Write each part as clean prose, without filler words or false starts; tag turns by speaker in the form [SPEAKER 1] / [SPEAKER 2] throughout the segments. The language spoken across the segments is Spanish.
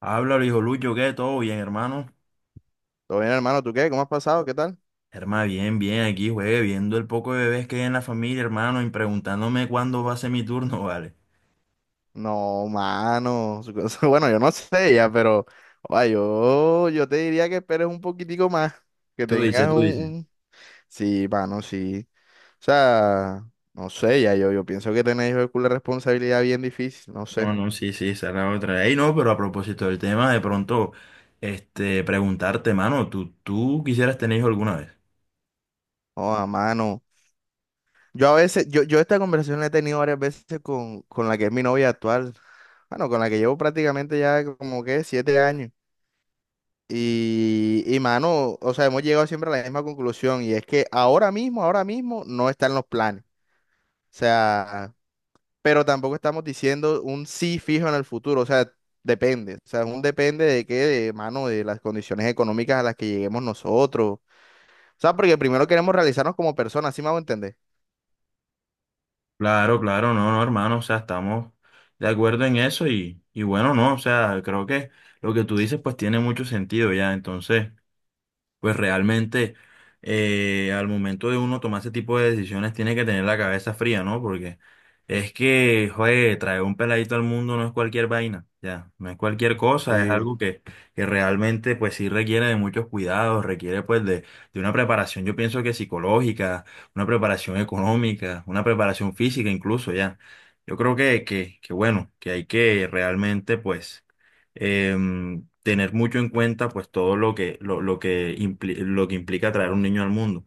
[SPEAKER 1] Háblalo, hijo Lucho, ¿qué? ¿Todo bien, hermano?
[SPEAKER 2] Todo bien, hermano, ¿tú qué? ¿Cómo has pasado? ¿Qué tal?
[SPEAKER 1] Hermano, bien, bien, aquí, juegue, viendo el poco de bebés que hay en la familia, hermano, y preguntándome cuándo va a ser mi turno, ¿vale?
[SPEAKER 2] No, mano. Su Bueno, yo no sé ya, pero oa, yo te diría que esperes un poquitico más. Que
[SPEAKER 1] Tú
[SPEAKER 2] tengas
[SPEAKER 1] dices, tú dices.
[SPEAKER 2] un- Sí, mano, sí. O sea, no sé, ya yo pienso que tenéis una responsabilidad bien difícil, no sé.
[SPEAKER 1] No, no, sí, sí, esa es la otra. Ey, no, pero a propósito del tema, de pronto, preguntarte, hermano, ¿tú quisieras tener hijos alguna vez?
[SPEAKER 2] Oh, mano. Yo a veces, yo esta conversación la he tenido varias veces con la que es mi novia actual. Bueno, con la que llevo prácticamente ya como que 7 años. Y mano, o sea, hemos llegado siempre a la misma conclusión y es que ahora mismo no están los planes. O sea, pero tampoco estamos diciendo un sí fijo en el futuro. O sea, depende. O sea, es un depende de qué, de, mano, de las condiciones económicas a las que lleguemos nosotros. O sea, porque primero queremos realizarnos como personas, ¿sí me hago entender?
[SPEAKER 1] Claro, claro, no, no, hermano, o sea, estamos de acuerdo en eso y bueno, no, o sea, creo que lo que tú dices, pues, tiene mucho sentido ya, entonces... Pues realmente al momento de uno tomar ese tipo de decisiones tiene que tener la cabeza fría, ¿no? Porque es que, joder, traer un peladito al mundo no es cualquier vaina, ya, no es cualquier cosa, es
[SPEAKER 2] Sí.
[SPEAKER 1] algo que realmente pues sí requiere de muchos cuidados, requiere pues de una preparación, yo pienso que psicológica, una preparación económica, una preparación física incluso, ya. Yo creo que bueno, que hay que realmente pues tener mucho en cuenta pues todo lo que lo que implica traer un niño al mundo.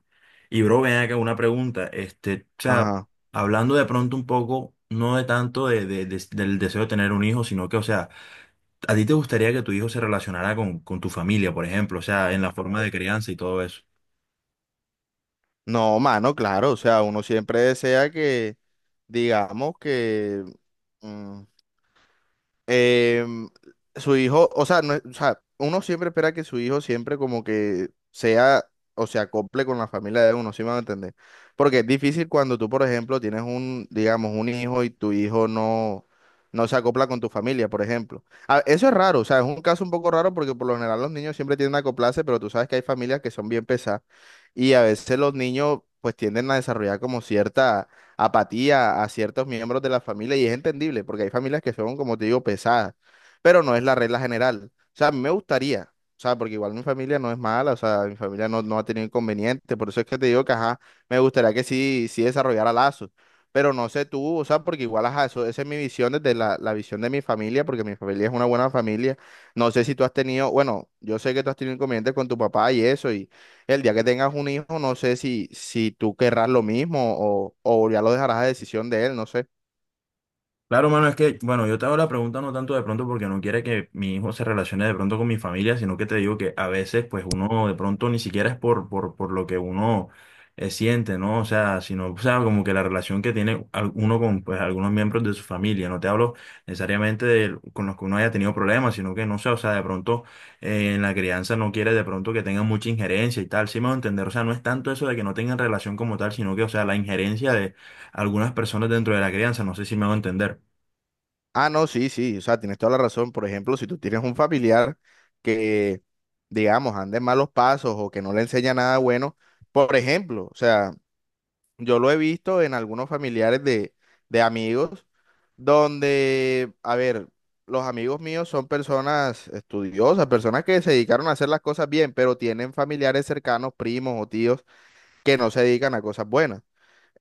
[SPEAKER 1] Y bro, ven acá una pregunta, o sea,
[SPEAKER 2] Ajá.
[SPEAKER 1] hablando de pronto un poco, no de tanto de del deseo de tener un hijo, sino que, o sea, ¿a ti te gustaría que tu hijo se relacionara con tu familia, por ejemplo? O sea, en la forma de crianza y todo eso.
[SPEAKER 2] No, mano, claro. O sea, uno siempre desea que, digamos que... mm, em, su hijo, o sea, no es- o sea, uno siempre espera que su hijo siempre como que sea o se acople con la familia de uno, ¿sí me van a entender? Porque es difícil cuando tú, por ejemplo, tienes un, digamos, un hijo y tu hijo no se acopla con tu familia, por ejemplo. Eso es raro, o sea, es un caso un poco raro porque por lo general los niños siempre tienden a acoplarse, pero tú sabes que hay familias que son bien pesadas y a veces los niños pues tienden a desarrollar como cierta apatía a ciertos miembros de la familia y es entendible, porque hay familias que son, como te digo, pesadas, pero no es la regla general. O sea, a mí me gustaría, o sea, porque igual mi familia no es mala, o sea, mi familia no ha tenido inconvenientes, por eso es que te digo que, ajá, me gustaría que sí, sí desarrollara lazos. Pero no sé tú, o sea, porque igual, ajá, eso, esa es mi visión desde la visión de mi familia, porque mi familia es una buena familia. No sé si tú has tenido, bueno, yo sé que tú has tenido inconvenientes con tu papá y eso, y el día que tengas un hijo, no sé si tú querrás lo mismo o ya lo dejarás a decisión de él, no sé.
[SPEAKER 1] Claro, mano, es que, bueno, yo te hago la pregunta no tanto de pronto porque no quiere que mi hijo se relacione de pronto con mi familia, sino que te digo que a veces, pues uno de pronto ni siquiera es por lo que uno siente, ¿no? O sea, sino, o sea, como que la relación que tiene uno con, pues, algunos miembros de su familia. No te hablo necesariamente de con los que uno haya tenido problemas, sino que, no sé, o sea, de pronto en la crianza no quiere de pronto que tengan mucha injerencia y tal. Sí me va a entender, o sea, no es tanto eso de que no tengan relación como tal, sino que, o sea, la injerencia de algunas personas dentro de la crianza, no sé si me va a entender.
[SPEAKER 2] Ah, no, sí, sí, o sea, tienes toda la razón. Por ejemplo, si tú tienes un familiar que, digamos, ande en malos pasos o que no le enseña nada bueno, por ejemplo, o sea, yo lo he visto en algunos familiares de amigos donde, a ver, los amigos míos son personas estudiosas, personas que se dedicaron a hacer las cosas bien, pero tienen familiares cercanos, primos o tíos que no se dedican a cosas buenas.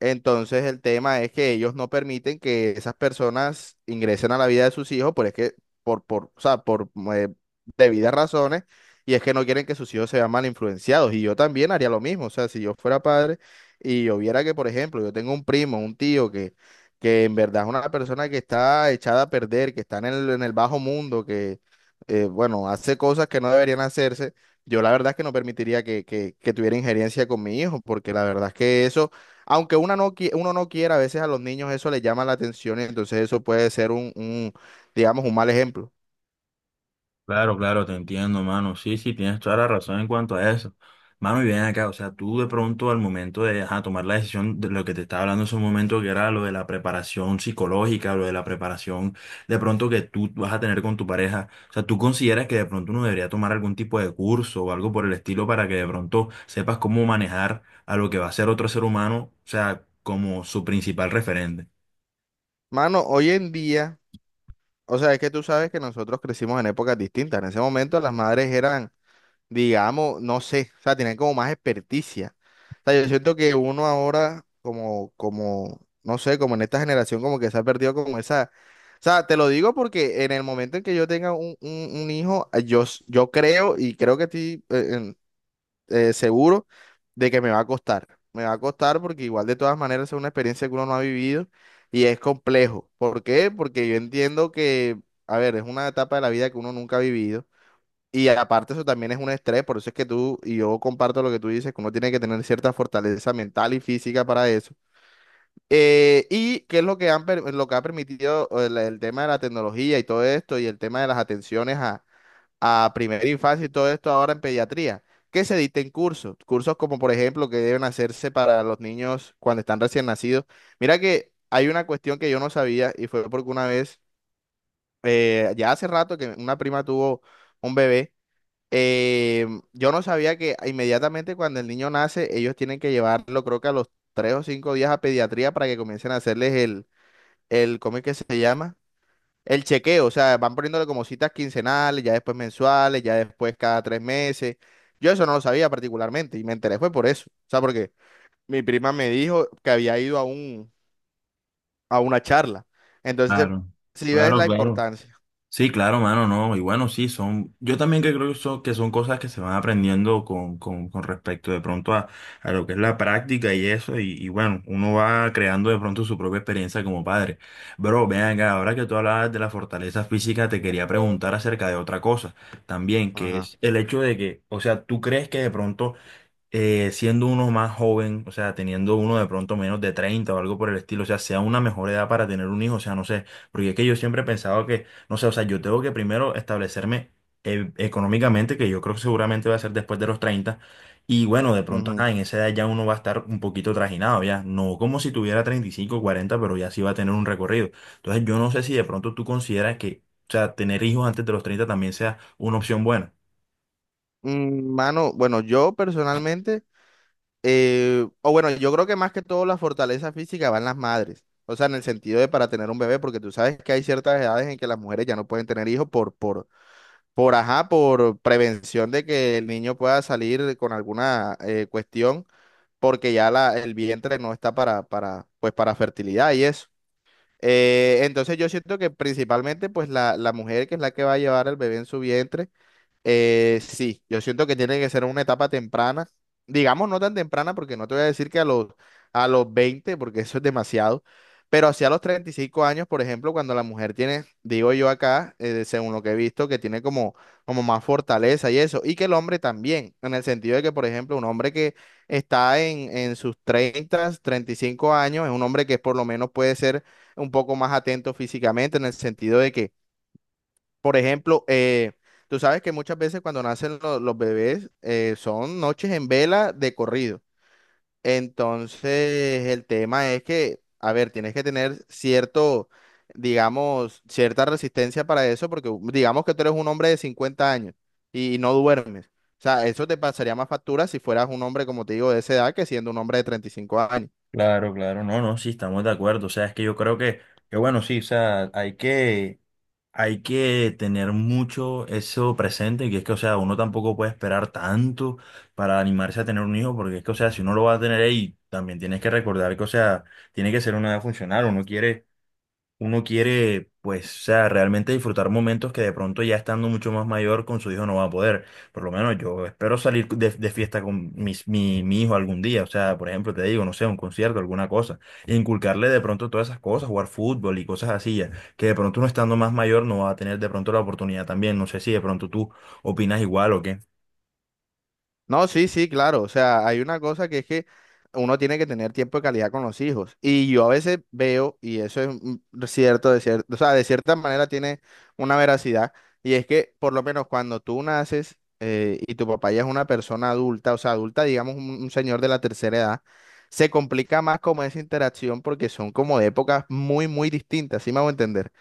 [SPEAKER 2] Entonces el tema es que ellos no permiten que esas personas ingresen a la vida de sus hijos, por es que por o sea, por eh, debidas razones y es que no quieren que sus hijos se vean mal influenciados y yo también haría lo mismo, o sea, si yo fuera padre y yo viera que por ejemplo, yo tengo un primo, un tío que en verdad es una persona que está echada a perder, que está en el bajo mundo, que bueno, hace cosas que no deberían hacerse, yo la verdad es que no permitiría que tuviera injerencia con mi hijo, porque la verdad es que eso aunque una no, qui- uno no quiera, a veces a los niños eso les llama la atención y entonces eso puede ser un, digamos, un mal ejemplo.
[SPEAKER 1] Claro, claro, te entiendo, mano. Sí, sí, tienes toda la razón en cuanto a eso. Mano, y bien acá, o sea, tú de pronto al momento de ajá, tomar la decisión de lo que te estaba hablando en ese momento, que era lo de la preparación psicológica, lo de la preparación de pronto que tú vas a tener con tu pareja, o sea, ¿tú consideras que de pronto uno debería tomar algún tipo de curso o algo por el estilo para que de pronto sepas cómo manejar a lo que va a ser otro ser humano, o sea, como su principal referente?
[SPEAKER 2] Mano, hoy en día, o sea, es que tú sabes que nosotros crecimos en épocas distintas. En ese momento las madres eran, digamos, no sé, o sea, tenían como más experticia. O sea, yo siento que uno ahora, no sé, como en esta generación, como que se ha perdido como esa... O sea, te lo digo porque en el momento en que yo tenga un, un hijo, yo creo y creo que estoy seguro de que me va a costar. Me va a costar porque igual de todas maneras es una experiencia que uno no ha vivido y es complejo. ¿Por qué? Porque yo entiendo que, a ver, es una etapa de la vida que uno nunca ha vivido. Y aparte eso también es un estrés, por eso es que tú y yo comparto lo que tú dices, que uno tiene que tener cierta fortaleza mental y física para eso. Y qué es lo que lo que ha permitido el tema de la tecnología y todo esto y el tema de las atenciones a primera infancia y todo esto ahora en pediatría, que se dicten cursos, cursos como por ejemplo que deben hacerse para los niños cuando están recién nacidos. Mira que hay una cuestión que yo no sabía y fue porque una vez, ya hace rato que una prima tuvo un bebé, eh, yo no sabía que inmediatamente cuando el niño nace, ellos tienen que llevarlo creo que a los 3 o 5 días a pediatría para que comiencen a hacerles el, ¿cómo es que se llama? El chequeo, o sea, van poniéndole como citas quincenales, ya después mensuales, ya después cada 3 meses. Yo eso no lo sabía particularmente y me enteré fue por eso. O sea, porque mi prima me dijo que había ido a a una charla. Entonces,
[SPEAKER 1] Claro,
[SPEAKER 2] si ves
[SPEAKER 1] claro,
[SPEAKER 2] la
[SPEAKER 1] claro.
[SPEAKER 2] importancia.
[SPEAKER 1] Sí, claro, mano, no. Y bueno, sí, son, yo también que creo que son cosas que se van aprendiendo con respecto de pronto a lo que es la práctica y eso, y bueno, uno va creando de pronto su propia experiencia como padre. Bro, ven acá, ahora que tú hablabas de la fortaleza física, te quería preguntar acerca de otra cosa también, que
[SPEAKER 2] Ajá.
[SPEAKER 1] es el hecho de que, o sea, ¿tú crees que de pronto siendo uno más joven, o sea, teniendo uno de pronto menos de 30 o algo por el estilo, o sea, sea una mejor edad para tener un hijo, o sea, no sé, porque es que yo siempre he pensado que, no sé, o sea, yo tengo que primero establecerme económicamente, que yo creo que seguramente va a ser después de los 30 y bueno, de pronto,
[SPEAKER 2] Ujú.
[SPEAKER 1] en esa edad ya uno va a estar un poquito trajinado, ya, no como si tuviera 35 40 pero ya sí va a tener un recorrido. Entonces, yo no sé si de pronto tú consideras que, o sea, tener hijos antes de los 30 también sea una opción buena.
[SPEAKER 2] Mano, bueno, yo personalmente, o bueno, yo creo que más que todo la fortaleza física va en las madres. O sea, en el sentido de para tener un bebé, porque tú sabes que hay ciertas edades en que las mujeres ya no pueden tener hijos por ajá, por prevención de que el niño pueda salir con alguna cuestión, porque ya el vientre no está pues, para fertilidad y eso. Entonces yo siento que principalmente pues la mujer que es la que va a llevar el bebé en su vientre, sí, yo siento que tiene que ser una etapa temprana, digamos no tan temprana porque no te voy a decir que a los 20, porque eso es demasiado, pero hacia los 35 años, por ejemplo, cuando la mujer tiene, digo yo acá, según lo que he visto, que tiene como, como más fortaleza y eso, y que el hombre también, en el sentido de que, por ejemplo, un hombre que está en sus 30 35 años, es un hombre que por lo menos puede ser un poco más atento físicamente, en el sentido de que por ejemplo, tú sabes que muchas veces cuando nacen los bebés son noches en vela de corrido. Entonces, el tema es que, a ver, tienes que tener cierto, digamos, cierta resistencia para eso, porque digamos que tú eres un hombre de 50 años y no duermes. O sea, eso te pasaría más factura si fueras un hombre, como te digo, de esa edad que siendo un hombre de 35 años.
[SPEAKER 1] Claro, claro, no, no, sí, estamos de acuerdo. O sea, es que yo creo que bueno, sí, o sea, hay que tener mucho eso presente, que es que, o sea, uno tampoco puede esperar tanto para animarse a tener un hijo, porque es que, o sea, si uno lo va a tener ahí, también tienes que recordar que, o sea, tiene que ser una edad funcional, uno quiere, pues, o sea, realmente disfrutar momentos que de pronto ya estando mucho más mayor con su hijo no va a poder. Por lo menos yo espero salir de fiesta con mi hijo algún día. O sea, por ejemplo, te digo, no sé, un concierto, alguna cosa. E inculcarle de pronto todas esas cosas, jugar fútbol y cosas así ya. Que de pronto uno estando más mayor no va a tener de pronto la oportunidad también. No sé si de pronto tú opinas igual o qué.
[SPEAKER 2] No, sí, sí, claro. O sea, hay una cosa que es que uno tiene que tener tiempo de calidad con los hijos. Y yo a veces veo, y eso es cierto, o sea, de cierta manera tiene una veracidad, y es que por lo menos cuando tú naces y tu papá ya es una persona adulta, o sea, adulta, digamos, un señor de la tercera edad, se complica más como esa interacción porque son como de épocas muy, muy distintas, ¿sí me hago entender?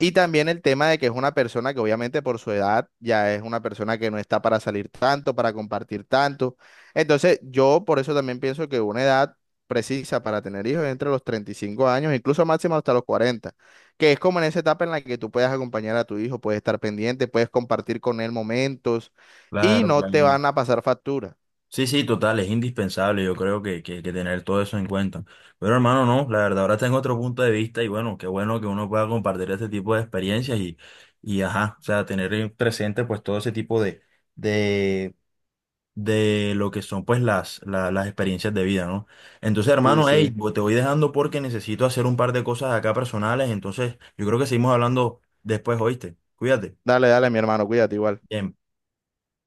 [SPEAKER 2] Y también el tema de que es una persona que obviamente por su edad ya es una persona que no está para salir tanto, para compartir tanto. Entonces yo por eso también pienso que una edad precisa para tener hijos es entre los 35 años, incluso máximo hasta los 40 que es como en esa etapa en la que tú puedes acompañar a tu hijo, puedes estar pendiente, puedes compartir con él momentos y
[SPEAKER 1] Claro,
[SPEAKER 2] no te
[SPEAKER 1] claro.
[SPEAKER 2] van a pasar factura.
[SPEAKER 1] Sí, sí, total, es indispensable, yo creo que tener todo eso en cuenta. Pero hermano, no, la verdad, ahora tengo otro punto de vista y bueno, qué bueno que uno pueda compartir este tipo de experiencias y ajá, o sea, tener en presente pues todo ese tipo de, de lo que son pues las, las experiencias de vida, ¿no? Entonces,
[SPEAKER 2] Sí,
[SPEAKER 1] hermano, hey,
[SPEAKER 2] sí.
[SPEAKER 1] te voy dejando porque necesito hacer un par de cosas acá personales, entonces yo creo que seguimos hablando después, ¿oíste? Cuídate.
[SPEAKER 2] Dale, dale, mi hermano, cuídate igual.
[SPEAKER 1] Bien.